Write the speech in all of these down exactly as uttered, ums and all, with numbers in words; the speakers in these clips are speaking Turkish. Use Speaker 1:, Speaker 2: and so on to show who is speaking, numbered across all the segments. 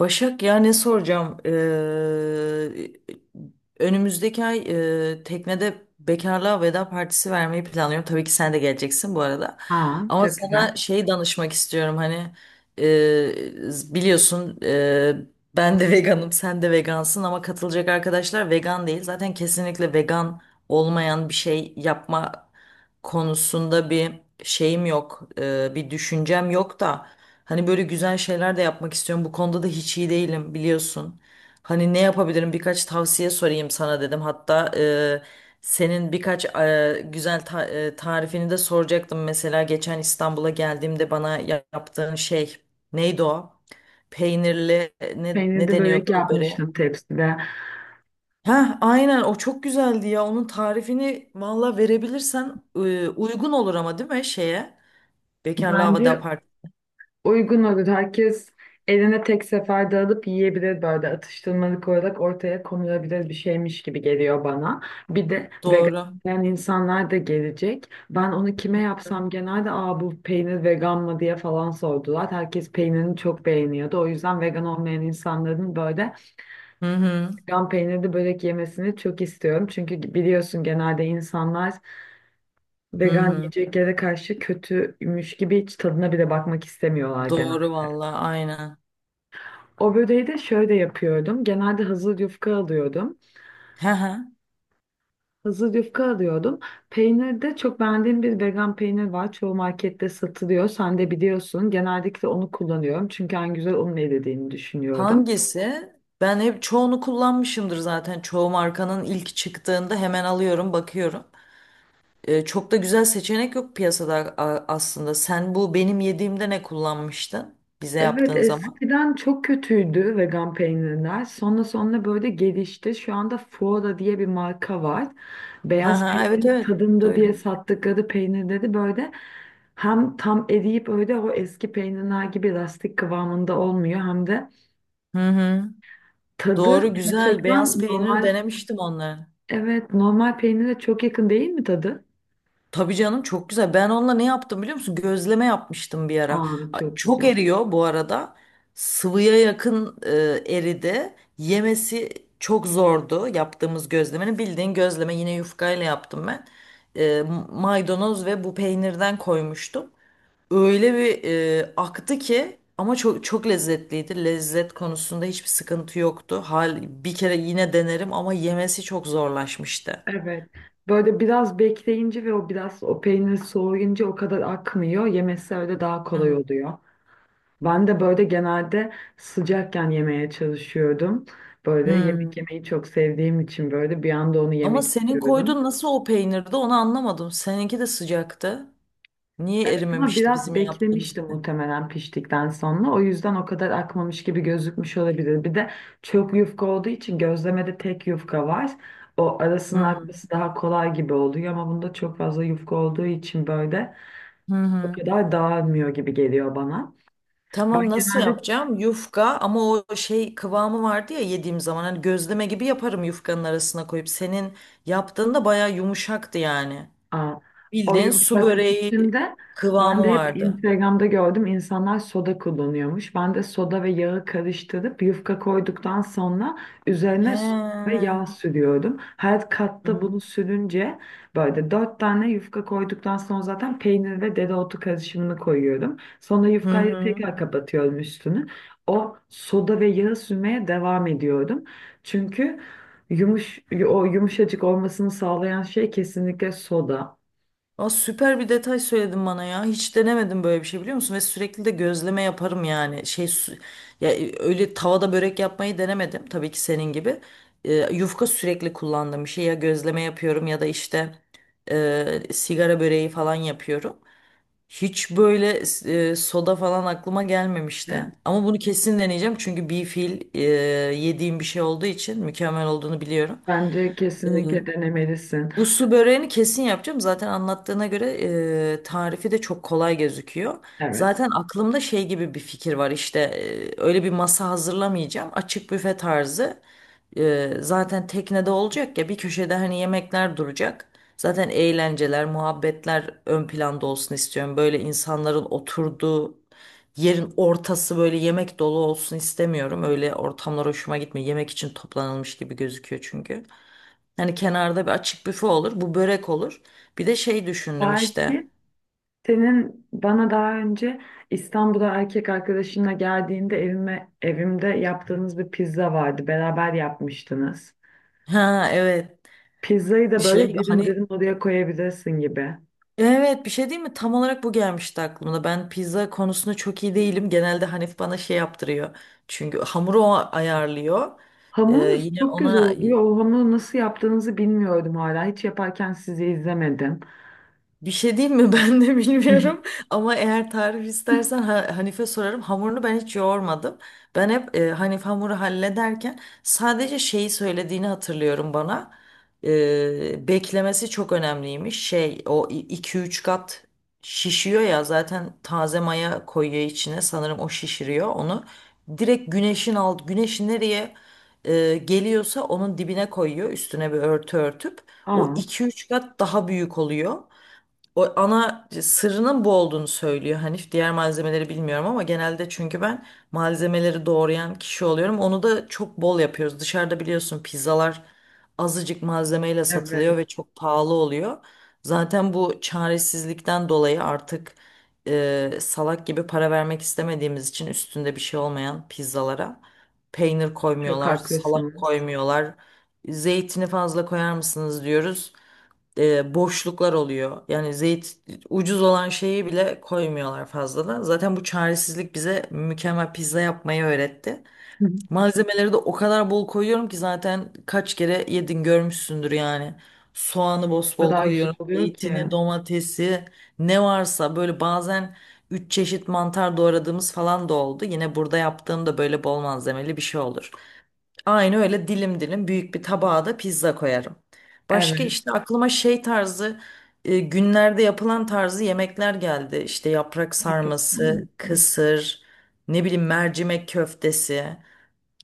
Speaker 1: Başak ya ne soracağım? Ee, önümüzdeki ay e, teknede bekarlığa veda partisi vermeyi planlıyorum. Tabii ki sen de geleceksin bu arada.
Speaker 2: Aa,
Speaker 1: Ama
Speaker 2: çok güzel.
Speaker 1: sana şey danışmak istiyorum hani e, biliyorsun, e, ben de veganım sen de vegansın ama katılacak arkadaşlar vegan değil. Zaten kesinlikle vegan olmayan bir şey yapma konusunda bir şeyim yok, e, bir düşüncem yok da hani böyle güzel şeyler de yapmak istiyorum. Bu konuda da hiç iyi değilim biliyorsun. Hani ne yapabilirim birkaç tavsiye sorayım sana dedim. Hatta e, senin birkaç e, güzel ta- e, tarifini de soracaktım. Mesela geçen İstanbul'a geldiğimde bana ya- yaptığın şey neydi o? Peynirli, e, ne, ne
Speaker 2: Peynirli börek
Speaker 1: deniyordu o böreğe?
Speaker 2: yapmıştım tepside.
Speaker 1: Heh, aynen, o çok güzeldi ya. Onun tarifini valla verebilirsen e, uygun olur ama, değil mi, şeye? Bekarlı Havada
Speaker 2: Bence
Speaker 1: Apart.
Speaker 2: uygun olur. Herkes eline tek seferde alıp yiyebilir, böyle atıştırmalık olarak ortaya konulabilir bir şeymiş gibi geliyor bana. Bir de vegan
Speaker 1: Doğru.
Speaker 2: yiyen insanlar da gelecek. Ben onu kime yapsam genelde aa bu peynir vegan mı diye falan sordular. Herkes peynirini çok beğeniyordu. O yüzden vegan olmayan insanların böyle
Speaker 1: Hı hı.
Speaker 2: vegan peynirli börek yemesini çok istiyorum. Çünkü biliyorsun genelde insanlar
Speaker 1: Hı
Speaker 2: vegan
Speaker 1: hı.
Speaker 2: yiyeceklere karşı kötüymüş gibi hiç tadına bile bakmak istemiyorlar
Speaker 1: Doğru
Speaker 2: genelde.
Speaker 1: valla, aynen.
Speaker 2: O böreği de şöyle yapıyordum. Genelde hazır yufka alıyordum.
Speaker 1: Hı hı.
Speaker 2: Hazır yufka alıyordum. Peynirde çok beğendiğim bir vegan peynir var. Çoğu markette satılıyor. Sen de biliyorsun. Genellikle onu kullanıyorum. Çünkü en güzel onun elde edildiğini düşünüyorum.
Speaker 1: Hangisi? Ben hep çoğunu kullanmışımdır zaten. Çoğu markanın ilk çıktığında hemen alıyorum, bakıyorum. E, çok da güzel seçenek yok piyasada a- aslında. Sen bu benim yediğimde ne kullanmıştın bize
Speaker 2: Evet,
Speaker 1: yaptığın zaman?
Speaker 2: eskiden çok kötüydü vegan peynirler. Sonra sonra böyle gelişti. Şu anda Foora diye bir marka var.
Speaker 1: Hı
Speaker 2: Beyaz
Speaker 1: hı, evet,
Speaker 2: peynir
Speaker 1: evet,
Speaker 2: tadında diye
Speaker 1: duydum.
Speaker 2: sattıkları peynirleri böyle hem tam eriyip öyle o eski peynirler gibi lastik kıvamında olmuyor hem de
Speaker 1: Hı hı.
Speaker 2: tadı
Speaker 1: Doğru, güzel beyaz
Speaker 2: gerçekten
Speaker 1: peyniri
Speaker 2: normal,
Speaker 1: denemiştim onları.
Speaker 2: evet, normal peynire çok yakın değil mi tadı?
Speaker 1: Tabii canım, çok güzel. Ben onunla ne yaptım biliyor musun? Gözleme yapmıştım bir ara.
Speaker 2: Aa,
Speaker 1: A-
Speaker 2: çok
Speaker 1: Çok
Speaker 2: güzel.
Speaker 1: eriyor bu arada. Sıvıya yakın e, eridi. Yemesi çok zordu yaptığımız gözlemenin. Bildiğin gözleme, yine yufkayla yaptım ben. E, Maydanoz ve bu peynirden koymuştum. Öyle bir e, aktı ki, ama çok çok lezzetliydi. Lezzet konusunda hiçbir sıkıntı yoktu. Hal bir kere yine denerim ama yemesi çok zorlaşmıştı.
Speaker 2: Evet. Böyle biraz bekleyince ve o biraz o peynir soğuyunca o kadar akmıyor. Yemesi öyle daha
Speaker 1: Hı
Speaker 2: kolay
Speaker 1: hı.
Speaker 2: oluyor. Ben de böyle genelde sıcakken yemeye çalışıyordum. Böyle
Speaker 1: Hmm.
Speaker 2: yemek yemeyi çok sevdiğim için böyle bir anda onu
Speaker 1: Ama
Speaker 2: yemek
Speaker 1: senin
Speaker 2: istiyordum.
Speaker 1: koyduğun nasıl o peynirdi, onu anlamadım. Seninki de sıcaktı. Niye
Speaker 2: Evet, ama
Speaker 1: erimemişti
Speaker 2: biraz
Speaker 1: bizim yaptığımız
Speaker 2: beklemişti
Speaker 1: gibi?
Speaker 2: muhtemelen piştikten sonra. O yüzden o kadar akmamış gibi gözükmüş olabilir. Bir de çok yufka olduğu için gözlemede tek yufka var. O
Speaker 1: Hı
Speaker 2: arasının
Speaker 1: hı.
Speaker 2: akması daha kolay gibi oluyor ama bunda çok fazla yufka olduğu için böyle
Speaker 1: Hı
Speaker 2: o
Speaker 1: hı.
Speaker 2: kadar dağılmıyor gibi geliyor bana. Ben
Speaker 1: Tamam, nasıl
Speaker 2: genelde
Speaker 1: yapacağım? Yufka ama o şey kıvamı vardı ya yediğim zaman, hani gözleme gibi yaparım yufkanın arasına koyup. Senin yaptığında baya yumuşaktı yani.
Speaker 2: Aa, o
Speaker 1: Bildiğin su
Speaker 2: yumuşaklık
Speaker 1: böreği
Speaker 2: içinde ben
Speaker 1: kıvamı
Speaker 2: de hep
Speaker 1: vardı.
Speaker 2: Instagram'da gördüm insanlar soda kullanıyormuş. Ben de soda ve yağı karıştırıp yufka koyduktan sonra
Speaker 1: He.
Speaker 2: üzerine süt ve yağ
Speaker 1: Hı
Speaker 2: sürüyorum. Her katta bunu sürünce böyle dört tane yufka koyduktan sonra zaten peynir ve dereotu karışımını koyuyorum. Sonra
Speaker 1: hı.
Speaker 2: yufkayı
Speaker 1: Hı.
Speaker 2: tekrar kapatıyorum üstünü. O soda ve yağı sürmeye devam ediyorum. Çünkü yumuş, o yumuşacık olmasını sağlayan şey kesinlikle soda.
Speaker 1: Aa, süper bir detay söyledin bana ya. Hiç denemedim böyle bir şey, biliyor musun? Ve sürekli de gözleme yaparım yani. Şey su, ya e, öyle tavada börek yapmayı denemedim tabii ki senin gibi. E, yufka sürekli kullandığım bir şey, ya gözleme yapıyorum ya da işte e, sigara böreği falan yapıyorum. Hiç böyle e, soda falan aklıma gelmemişti.
Speaker 2: Evet,
Speaker 1: Ama bunu kesin deneyeceğim çünkü bir fil e, yediğim bir şey olduğu için mükemmel olduğunu biliyorum.
Speaker 2: bence kesinlikle denemelisin.
Speaker 1: Bu su böreğini kesin yapacağım. Zaten anlattığına göre e, tarifi de çok kolay gözüküyor.
Speaker 2: Evet.
Speaker 1: Zaten aklımda şey gibi bir fikir var. İşte e, öyle bir masa hazırlamayacağım. Açık büfe tarzı. E, zaten teknede olacak ya, bir köşede hani yemekler duracak. Zaten eğlenceler, muhabbetler ön planda olsun istiyorum. Böyle insanların oturduğu yerin ortası böyle yemek dolu olsun istemiyorum. Öyle ortamlar hoşuma gitmiyor. Yemek için toplanılmış gibi gözüküyor çünkü. Hani kenarda bir açık büfe olur. Bu börek olur. Bir de şey düşündüm işte.
Speaker 2: Belki senin bana daha önce İstanbul'a erkek arkadaşınla geldiğinde evime, evimde yaptığınız bir pizza vardı. Beraber yapmıştınız.
Speaker 1: Ha, evet.
Speaker 2: Pizzayı da böyle
Speaker 1: Şey
Speaker 2: dilim
Speaker 1: hani,
Speaker 2: dilim oraya koyabilirsin gibi.
Speaker 1: evet, bir şey değil mi? Tam olarak bu gelmişti aklımda. Ben pizza konusunda çok iyi değilim. Genelde Hanif bana şey yaptırıyor. Çünkü hamuru o ayarlıyor. Ee,
Speaker 2: Hamurunuz
Speaker 1: yine
Speaker 2: çok güzel
Speaker 1: ona
Speaker 2: oluyor. O hamuru nasıl yaptığınızı bilmiyordum hala. Hiç yaparken sizi izlemedim.
Speaker 1: bir şey diyeyim mi? Ben de bilmiyorum. Ama eğer tarif istersen Ha- Hanife sorarım. Hamurunu ben hiç yoğurmadım. Ben hep e, Hanife hamuru hallederken sadece şeyi söylediğini hatırlıyorum bana. E, beklemesi çok önemliymiş. Şey, o iki üç kat şişiyor ya, zaten taze maya koyuyor içine. Sanırım o şişiriyor onu. Direkt güneşin alt güneşin nereye e, geliyorsa onun dibine koyuyor. Üstüne bir örtü örtüp. O
Speaker 2: Aa,
Speaker 1: iki üç kat daha büyük oluyor, o ana sırrının bu olduğunu söylüyor Hanif. Diğer malzemeleri bilmiyorum ama genelde çünkü ben malzemeleri doğrayan kişi oluyorum. Onu da çok bol yapıyoruz. Dışarıda biliyorsun pizzalar azıcık malzemeyle satılıyor
Speaker 2: evet,
Speaker 1: ve çok pahalı oluyor. Zaten bu çaresizlikten dolayı artık e, salak gibi para vermek istemediğimiz için, üstünde bir şey olmayan pizzalara peynir
Speaker 2: çok
Speaker 1: koymuyorlar, salat
Speaker 2: haklısınız.
Speaker 1: koymuyorlar. Zeytini fazla koyar mısınız diyoruz, e, boşluklar oluyor. Yani zeyt, ucuz olan şeyi bile koymuyorlar fazladan. Zaten bu çaresizlik bize mükemmel pizza yapmayı öğretti. Malzemeleri de o kadar bol koyuyorum ki, zaten kaç kere yedin görmüşsündür yani. Soğanı
Speaker 2: O
Speaker 1: bosbol
Speaker 2: kadar güzel
Speaker 1: koyuyorum,
Speaker 2: oluyor ki.
Speaker 1: zeytini, domatesi, ne varsa, böyle bazen üç çeşit mantar doğradığımız falan da oldu. Yine burada yaptığım da böyle bol malzemeli bir şey olur. Aynı öyle dilim dilim büyük bir tabağa da pizza koyarım. Başka
Speaker 2: Evet.
Speaker 1: işte aklıma şey tarzı, e, günlerde yapılan tarzı yemekler geldi. İşte yaprak
Speaker 2: Aferin.
Speaker 1: sarması, kısır, ne bileyim mercimek köftesi.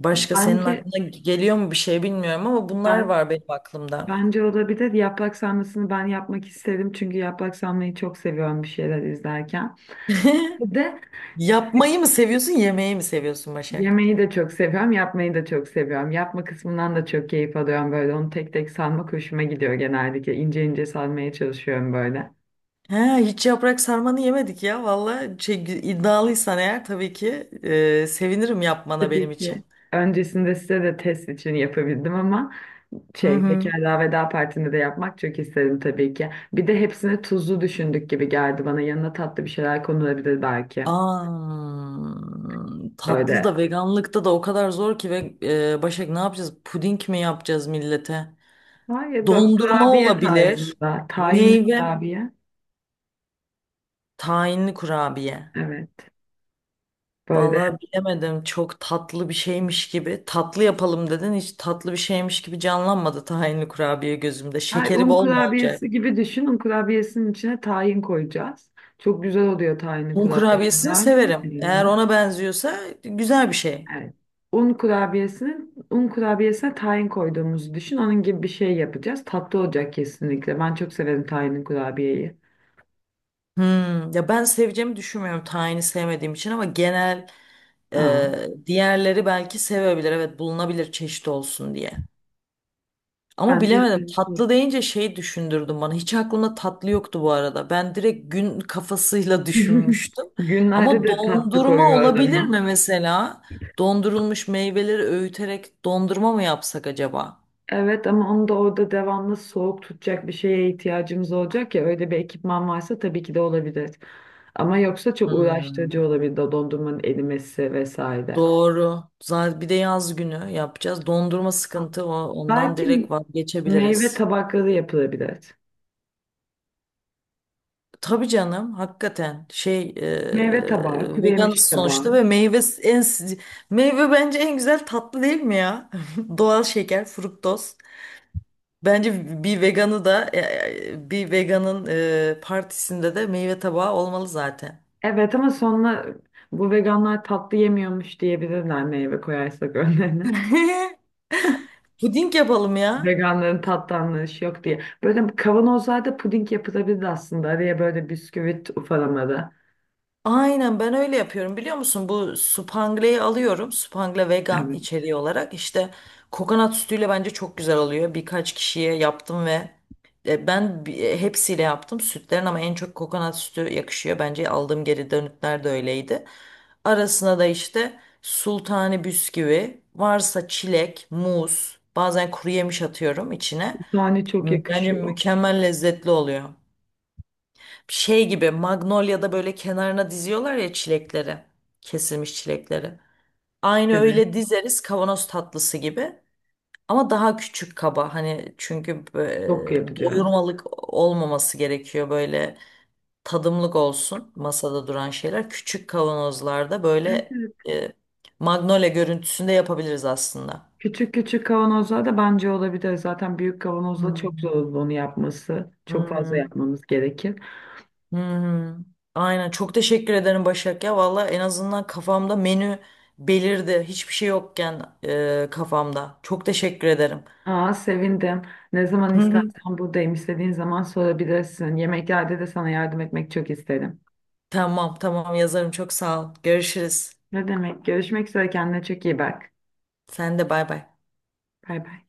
Speaker 1: Başka senin
Speaker 2: Bence
Speaker 1: aklına geliyor mu bir şey bilmiyorum ama bunlar
Speaker 2: ben
Speaker 1: var benim aklımda.
Speaker 2: bence o da bir de yaprak sarmasını ben yapmak isterim çünkü yaprak sarmayı çok seviyorum bir şeyler izlerken. Bir de
Speaker 1: Yapmayı mı seviyorsun, yemeği mi seviyorsun Başak?
Speaker 2: yemeği de çok seviyorum, yapmayı da çok seviyorum. Yapma kısmından da çok keyif alıyorum, böyle onu tek tek sarmak hoşuma gidiyor genellikle. İnce ince sarmaya çalışıyorum böyle.
Speaker 1: Ha, hiç yaprak sarmanı yemedik ya. Valla şey, iddialıysan eğer tabii ki e, sevinirim yapmana
Speaker 2: Tabii
Speaker 1: benim için.
Speaker 2: ki. Öncesinde size de test için yapabildim ama
Speaker 1: Hı
Speaker 2: şey
Speaker 1: hı.
Speaker 2: Bekarlığa Veda Partisi'nde de yapmak çok isterim tabii ki. Bir de hepsini tuzlu düşündük gibi geldi bana. Yanına tatlı bir şeyler konulabilir belki.
Speaker 1: Aa, tatlı
Speaker 2: Öyle,
Speaker 1: da veganlıkta da o kadar zor ki, ve e, Başak, ne yapacağız? Puding mi yapacağız millete?
Speaker 2: var ya, böyle
Speaker 1: Dondurma
Speaker 2: kurabiye
Speaker 1: olabilir.
Speaker 2: tarzında. Tahinli
Speaker 1: Meyve,
Speaker 2: kurabiye.
Speaker 1: tahinli kurabiye.
Speaker 2: Evet. Böyle.
Speaker 1: Vallahi bilemedim. Çok tatlı bir şeymiş gibi. Tatlı yapalım dedin. Hiç tatlı bir şeymiş gibi canlanmadı tahinli kurabiye gözümde.
Speaker 2: Ay,
Speaker 1: Şekeri
Speaker 2: un
Speaker 1: bol mu olacak?
Speaker 2: kurabiyesi gibi düşün. Un kurabiyesinin içine tahin koyacağız. Çok güzel oluyor tahinli
Speaker 1: Un
Speaker 2: kurabiye.
Speaker 1: kurabiyesini
Speaker 2: Daha önce
Speaker 1: severim.
Speaker 2: yemedim
Speaker 1: Eğer
Speaker 2: ben.
Speaker 1: ona benziyorsa güzel bir şey.
Speaker 2: Evet. Un kurabiyesinin, un kurabiyesine tahin koyduğumuzu düşün. Onun gibi bir şey yapacağız. Tatlı olacak kesinlikle. Ben çok severim tahinli kurabiyeyi.
Speaker 1: Hmm, ya ben seveceğimi düşünmüyorum tayini sevmediğim için, ama genel
Speaker 2: Aa,
Speaker 1: e, diğerleri belki sevebilir. Evet, bulunabilir çeşit olsun diye. Ama
Speaker 2: bence
Speaker 1: bilemedim,
Speaker 2: öyle.
Speaker 1: tatlı deyince şey düşündürdün bana. Hiç aklımda tatlı yoktu bu arada. Ben direkt gün kafasıyla düşünmüştüm.
Speaker 2: Günlerde
Speaker 1: Ama
Speaker 2: de tatlı
Speaker 1: dondurma
Speaker 2: koyuyor
Speaker 1: olabilir
Speaker 2: adama.
Speaker 1: mi mesela? Dondurulmuş meyveleri öğüterek dondurma mı yapsak acaba?
Speaker 2: Evet, ama onu da orada devamlı soğuk tutacak bir şeye ihtiyacımız olacak ya, öyle bir ekipman varsa tabii ki de olabilir. Ama yoksa çok uğraştırıcı
Speaker 1: Hmm,
Speaker 2: olabilir de dondurmanın erimesi vesaire.
Speaker 1: doğru. Zaten bir de yaz günü yapacağız. Dondurma
Speaker 2: Ha,
Speaker 1: sıkıntı o. Ondan
Speaker 2: belki
Speaker 1: direkt
Speaker 2: meyve
Speaker 1: vazgeçebiliriz.
Speaker 2: tabakları yapılabilir.
Speaker 1: Tabii canım, hakikaten şey, e,
Speaker 2: Meyve tabağı, kuru yemiş
Speaker 1: veganız
Speaker 2: tabağı.
Speaker 1: sonuçta ve meyve en, meyve bence en güzel tatlı değil mi ya? Doğal şeker, fruktoz. Bence bir veganı da e, e, bir veganın e, partisinde de meyve tabağı olmalı zaten.
Speaker 2: Evet ama sonra bu veganlar tatlı yemiyormuş diyebilirler meyve koyarsak önlerine.
Speaker 1: Puding yapalım ya.
Speaker 2: Veganların tatlı anlayışı yok diye. Böyle kavanozlarda puding yapılabilir aslında. Araya böyle bisküvit ufalamada.
Speaker 1: Aynen, ben öyle yapıyorum, biliyor musun? Bu supangle'yi alıyorum. Supangle vegan
Speaker 2: Evet.
Speaker 1: içeriği olarak. İşte kokonat sütüyle bence çok güzel oluyor. Birkaç kişiye yaptım ve e, ben bi- e, hepsiyle yaptım. Sütlerin ama en çok kokonat sütü yakışıyor. Bence aldığım geri dönütler de öyleydi. Arasına da işte sultani bisküvi, varsa çilek, muz, bazen kuru yemiş atıyorum içine.
Speaker 2: Tane çok
Speaker 1: M- Bence
Speaker 2: yakışıyor.
Speaker 1: mükemmel lezzetli oluyor, şey gibi, Magnolia'da böyle kenarına diziyorlar ya çilekleri. Kesilmiş çilekleri. Aynı
Speaker 2: Evet.
Speaker 1: öyle dizeriz kavanoz tatlısı gibi. Ama daha küçük kaba, hani çünkü
Speaker 2: Çok
Speaker 1: e,
Speaker 2: yapacağız.
Speaker 1: doyurmalık olmaması gerekiyor, böyle tadımlık olsun masada duran şeyler. Küçük kavanozlarda
Speaker 2: Evet,
Speaker 1: böyle,
Speaker 2: evet.
Speaker 1: e, Magnolia görüntüsünde yapabiliriz aslında.
Speaker 2: Küçük küçük kavanozlar da bence olabilir. Zaten büyük kavanozla çok zor
Speaker 1: Hmm.
Speaker 2: olur onu yapması.
Speaker 1: Hı
Speaker 2: Çok fazla
Speaker 1: hı.
Speaker 2: yapmamız gerekir.
Speaker 1: Hmm, aynen, çok teşekkür ederim Başak ya, valla en azından kafamda menü belirdi hiçbir şey yokken e, kafamda, çok teşekkür ederim.
Speaker 2: Aa, sevindim. Ne zaman
Speaker 1: Hı hı.
Speaker 2: istersen buradayım. İstediğin zaman sorabilirsin. Yemeklerde de sana yardım etmek çok isterim.
Speaker 1: Tamam tamam, yazarım, çok sağ ol, görüşürüz,
Speaker 2: Ne demek? Görüşmek üzere. Kendine çok iyi bak.
Speaker 1: sen de bay bay.
Speaker 2: Bay bay.